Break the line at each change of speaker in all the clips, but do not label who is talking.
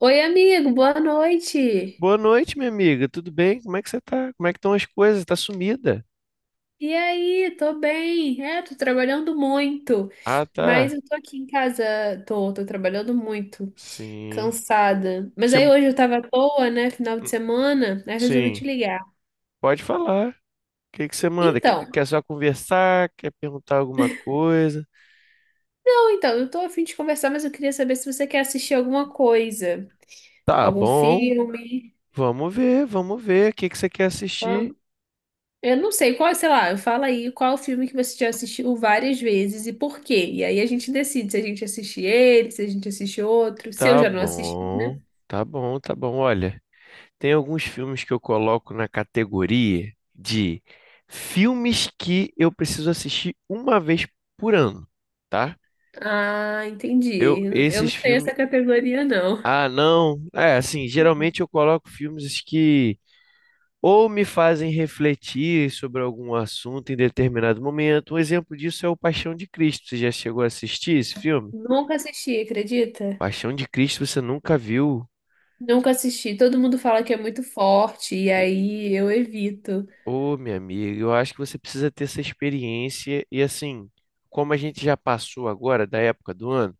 Oi, amigo, boa noite.
Boa noite, minha amiga. Tudo bem? Como é que você tá? Como é que estão as coisas? Tá sumida?
E aí, tô bem. É, tô trabalhando muito,
Ah, tá.
mas eu tô aqui em casa, tô trabalhando muito,
Sim.
cansada. Mas aí
Você...
hoje eu tava à toa, né, final de semana, aí eu resolvi
Sim.
te ligar.
Pode falar. O que que você manda?
Então,
Quer só conversar? Quer perguntar alguma coisa?
não, então, eu tô a fim de conversar, mas eu queria saber se você quer assistir alguma coisa,
Tá
algum
bom.
filme.
Vamos ver, vamos ver. O que que você quer assistir?
Eu não sei qual, sei lá, eu fala aí qual filme que você já assistiu várias vezes e por quê. E aí a gente decide se a gente assiste ele, se a gente assiste outro, se eu
Tá
já não assisti, né?
bom. Tá bom, tá bom. Olha, tem alguns filmes que eu coloco na categoria de filmes que eu preciso assistir uma vez por ano, tá?
Ah,
Eu,
entendi. Eu não
esses
tenho
filmes
essa categoria, não.
Ah, não. É, assim, geralmente eu coloco filmes que ou me fazem refletir sobre algum assunto em determinado momento. Um exemplo disso é o Paixão de Cristo. Você já chegou a assistir esse filme?
Nunca assisti, acredita?
Paixão de Cristo você nunca viu?
Nunca assisti. Todo mundo fala que é muito forte, e
E-
aí eu evito.
Ô, minha amiga, eu acho que você precisa ter essa experiência. E assim, como a gente já passou agora da época do ano.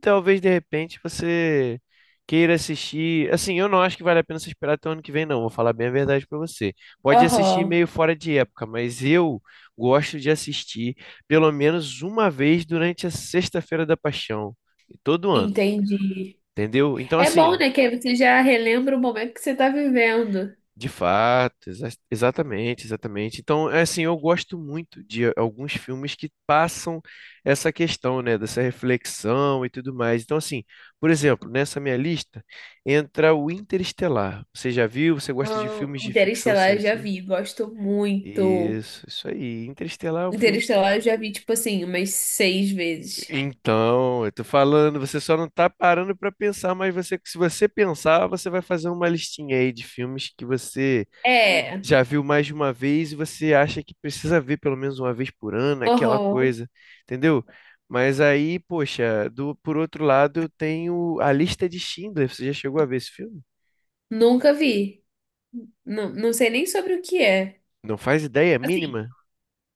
Talvez de repente você queira assistir. Assim, eu não acho que vale a pena você esperar até o ano que vem, não. Vou falar bem a verdade pra você. Pode assistir
Aham,
meio fora de época, mas eu gosto de assistir pelo menos uma vez durante a Sexta-feira da Paixão, todo ano,
entendi.
entendeu? Então,
É bom,
assim,
né? Que aí você já relembra o momento que você tá vivendo.
De fato, exatamente, exatamente. Então, é assim, eu gosto muito de alguns filmes que passam essa questão, né, dessa reflexão e tudo mais. Então, assim, por exemplo, nessa minha lista entra o Interestelar. Você já viu? Você gosta de
Ah,
filmes de ficção
Interestelar eu já
científica?
vi, gosto muito.
Isso aí. Interestelar é um filme.
Interestelar eu já vi, tipo assim, umas seis vezes.
Então, eu tô falando, você só não tá parando pra pensar, mas você, se você pensar, você vai fazer uma listinha aí de filmes que você
É. É,
já viu mais de uma vez e você acha que precisa ver pelo menos uma vez por ano, aquela coisa, entendeu? Mas aí, poxa, por outro lado, eu tenho a lista de Schindler. Você já chegou a ver esse filme?
nunca vi. Não, não sei nem sobre o que é.
Não faz ideia é
Assim,
mínima?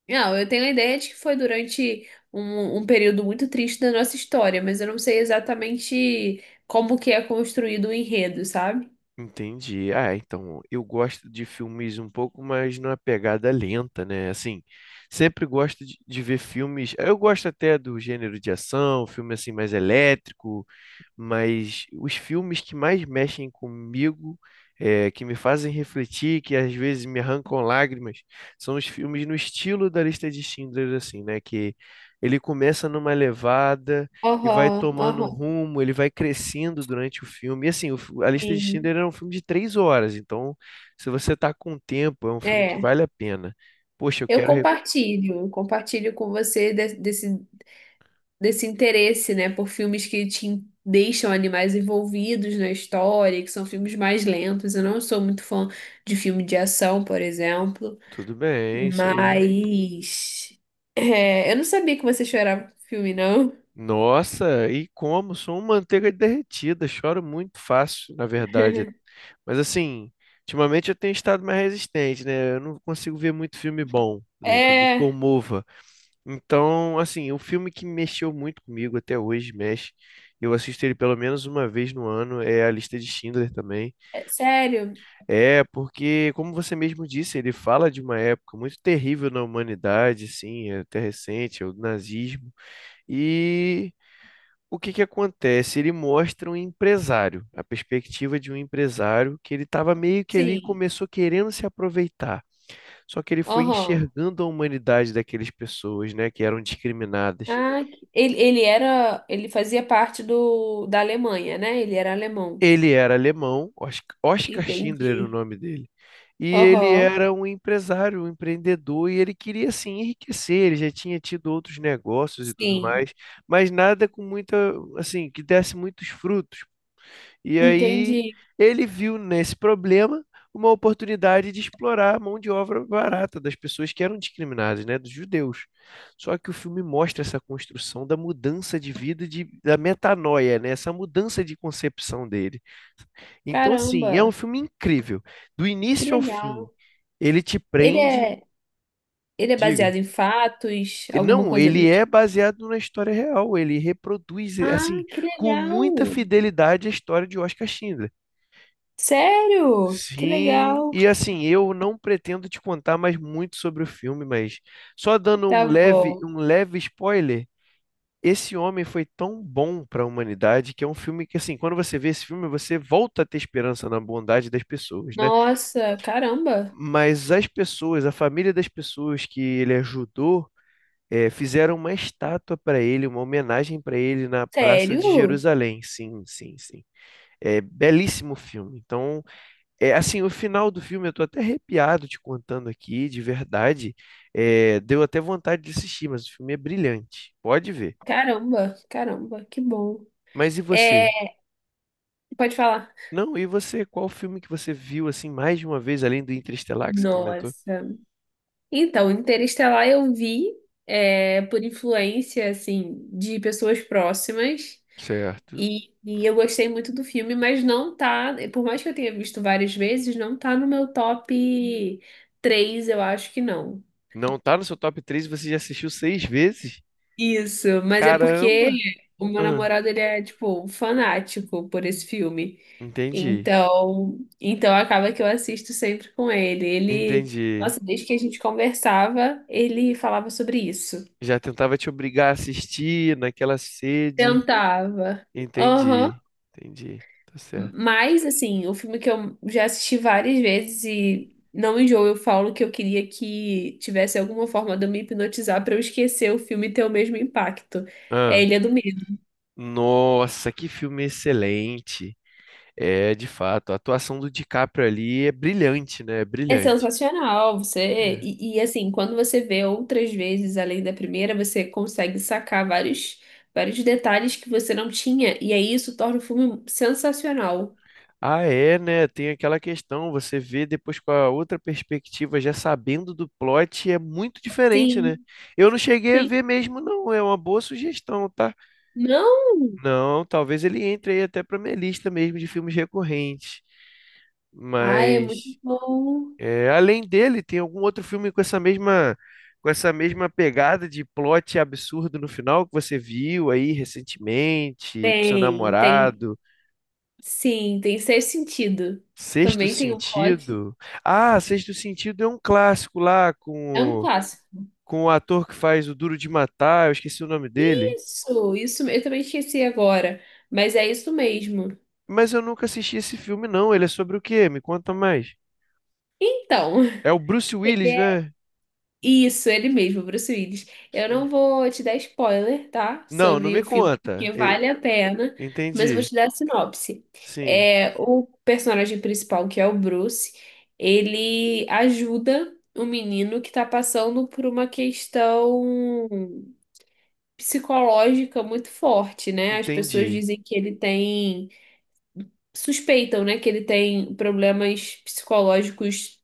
não, eu tenho a ideia de que foi durante um período muito triste da nossa história, mas eu não sei exatamente como que é construído o enredo, sabe?
Entendi. Ah, então eu gosto de filmes um pouco mais numa pegada lenta, né? Assim, sempre gosto de ver filmes. Eu gosto até do gênero de ação, filme assim mais elétrico, mas os filmes que mais mexem comigo, é, que me fazem refletir, que às vezes me arrancam lágrimas, são os filmes no estilo da lista de Schindler, assim, né? Que ele começa numa levada e vai
Aham,
tomando um
aham,
rumo, ele vai crescendo durante o filme. E assim, a lista de
sim.
Schindler é um filme de três horas, então se você tá com tempo, é um filme que
É.
vale a pena. Poxa, eu
Eu
quero.
compartilho, eu compartilho com você de- desse interesse, né, por filmes que te deixam animais envolvidos na história, que são filmes mais lentos. Eu não sou muito fã de filme de ação, por exemplo,
Tudo bem, é isso aí.
mas é, eu não sabia que você chorava com filme, não.
Nossa, e como? Sou uma manteiga derretida, choro muito fácil, na verdade. Mas assim, ultimamente eu tenho estado mais resistente, né? Eu não consigo ver muito filme bom, né? Que me
É,
comova. Então, assim, o filme que mexeu muito comigo até hoje, mexe. Eu assisto ele pelo menos uma vez no ano, é A Lista de Schindler também.
é sério?
É, porque, como você mesmo disse, ele fala de uma época muito terrível na humanidade, assim, é até recente, é o nazismo. E o que que acontece? Ele mostra um empresário, a perspectiva de um empresário que ele estava meio que ali
Sim.
começou querendo se aproveitar. Só que ele foi
Aham.
enxergando a humanidade daquelas pessoas, né, que eram discriminadas.
Ah, ele fazia parte da Alemanha, né? Ele era alemão.
Ele era alemão, Oscar Schindler era o
Entendi.
nome dele. E ele
Aham.
era um empresário, um empreendedor, e ele queria assim enriquecer. Ele já tinha tido outros negócios e tudo
Sim.
mais, mas nada com muita, assim, que desse muitos frutos. E aí
Entendi.
ele viu nesse problema uma oportunidade de explorar a mão de obra barata das pessoas que eram discriminadas, né, dos judeus. Só que o filme mostra essa construção da mudança de vida, da metanoia, né, essa mudança de concepção dele. Então, assim, é um
Caramba.
filme incrível. Do
Que
início ao
legal.
fim, ele te
Ele
prende.
é, ele é
Diga.
baseado em fatos, alguma
Não,
coisa do
ele é
tipo.
baseado na história real, ele reproduz,
Ah,
assim,
que
com muita
legal.
fidelidade a história de Oscar Schindler.
Sério? Que
Sim,
legal.
e assim, eu não pretendo te contar mais muito sobre o filme, mas só dando
Tá bom.
um leve spoiler, esse homem foi tão bom para a humanidade que é um filme que, assim, quando você vê esse filme, você volta a ter esperança na bondade das pessoas, né?
Nossa, caramba.
Mas as pessoas, a família das pessoas que ele ajudou, fizeram uma estátua para ele, uma homenagem para ele na Praça de
Sério?
Jerusalém. Sim, sim, sim. É belíssimo o filme. Então. É, assim, o final do filme, eu tô até arrepiado te contando aqui, de verdade. É, deu até vontade de assistir, mas o filme é brilhante. Pode ver.
Caramba, caramba, que bom.
Mas e
É,
você?
pode falar.
Não, e você? Qual filme que você viu, assim, mais de uma vez, além do Interestelar que você comentou?
Nossa. Então, Interestelar eu vi é, por influência, assim, de pessoas próximas.
Certo.
E eu gostei muito do filme, mas não tá, por mais que eu tenha visto várias vezes, não tá no meu top 3 eu acho que não.
Não tá no seu top 3? E você já assistiu seis vezes?
Isso, mas é porque
Caramba!
o meu
Ah,
namorado, ele é, tipo, um fanático por esse filme.
entendi,
Então, então acaba que eu assisto sempre com ele.
entendi.
Nossa, desde que a gente conversava, ele falava sobre isso.
Já tentava te obrigar a assistir naquela sede.
Tentava. Aham.
Entendi, entendi, tá certo.
Mas, assim, o filme que eu já assisti várias vezes e não enjoo, eu falo que eu queria que tivesse alguma forma de eu me hipnotizar pra eu esquecer o filme e ter o mesmo impacto. É
Ah,
Ilha do Medo.
nossa, que filme excelente. É, de fato, a atuação do DiCaprio ali é brilhante, né? É
É
brilhante.
sensacional, você...
É.
E, e, assim, quando você vê outras vezes, além da primeira, você consegue sacar vários, vários detalhes que você não tinha, e aí isso torna o filme sensacional.
Ah, é, né? Tem aquela questão, você vê depois com a outra perspectiva, já sabendo do plot, é muito diferente, né?
Sim,
Eu não cheguei a
sim.
ver mesmo, não. É uma boa sugestão, tá?
Não!
Não, talvez ele entre aí até pra minha lista mesmo de filmes recorrentes.
Ai, é
Mas
muito bom.
É, além dele, tem algum outro filme com essa mesma pegada de plot absurdo no final que você viu aí recentemente com seu
Tem.
namorado?
Sim, tem Ser Sentido.
Sexto
Também tem o plot.
Sentido. Ah, Sexto Sentido é um clássico lá
É um
com
clássico.
com o ator que faz o Duro de Matar, eu esqueci o nome dele.
Isso, eu também esqueci agora, mas é isso mesmo.
Mas eu nunca assisti esse filme, não. Ele é sobre o quê? Me conta mais.
Então,
É o Bruce
ele
Willis,
é
né?
isso, ele mesmo, Bruce Willis. Eu
Sim.
não vou te dar spoiler, tá?
Não, não
Sobre
me
o filme,
conta.
porque
E-
vale a pena, mas eu vou
Entendi.
te dar a sinopse.
Sim,
É, o personagem principal, que é o Bruce, ele ajuda o menino que tá passando por uma questão psicológica muito forte, né? As pessoas
entendi.
dizem que ele tem, suspeitam, né, que ele tem problemas psicológicos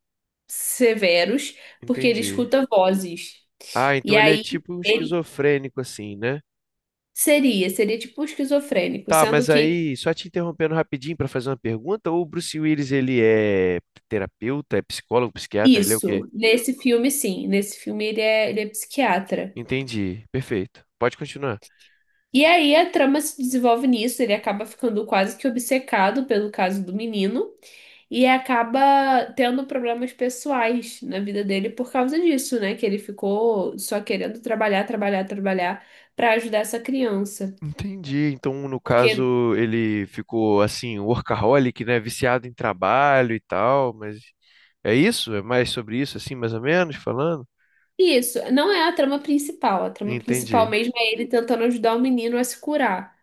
severos, porque ele
Entendi.
escuta vozes.
Ah,
E
então ele é
aí
tipo um
ele
esquizofrênico, assim, né?
seria tipo um esquizofrênico,
Tá,
sendo
mas
que
aí, só te interrompendo rapidinho para fazer uma pergunta, o Bruce Willis, ele é terapeuta, é psicólogo, psiquiatra, ele é o quê?
isso, nesse filme sim, nesse filme ele é psiquiatra.
Entendi, perfeito. Pode continuar.
E aí a trama se desenvolve nisso, ele acaba ficando quase que obcecado pelo caso do menino. E acaba tendo problemas pessoais na vida dele por causa disso, né? Que ele ficou só querendo trabalhar, trabalhar, trabalhar pra ajudar essa criança.
Entendi. Então, no
Porque
caso, ele ficou assim, workaholic, né? Viciado em trabalho e tal, mas é isso? É mais sobre isso, assim, mais ou menos, falando?
isso não é a trama principal. A trama principal
Entendi.
mesmo é ele tentando ajudar o menino a se curar.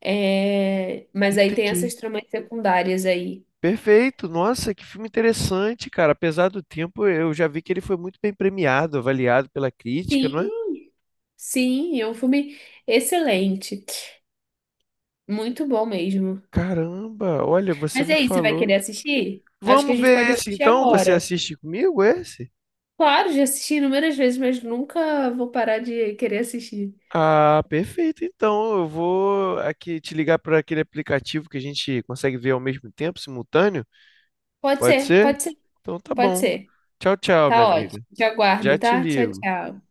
É, mas aí tem
Entendi.
essas tramas secundárias aí.
Perfeito, nossa, que filme interessante, cara. Apesar do tempo, eu já vi que ele foi muito bem premiado, avaliado pela crítica, não é?
Sim, sim, é um filme excelente. Muito bom mesmo.
Caramba, olha, você
Mas e
me
aí, você vai
falou.
querer assistir? Acho que a
Vamos
gente
ver
pode
esse
assistir
então? Você
agora.
assiste comigo esse?
Claro, já assisti inúmeras vezes, mas nunca vou parar de querer assistir.
Ah, perfeito. Então, eu vou aqui te ligar para aquele aplicativo que a gente consegue ver ao mesmo tempo, simultâneo.
Pode
Pode
ser,
ser?
pode ser,
Então tá
pode
bom.
ser.
Tchau, tchau, minha
Tá ótimo.
amiga.
Te
Já
aguardo,
te
tá? Tchau,
ligo.
tchau.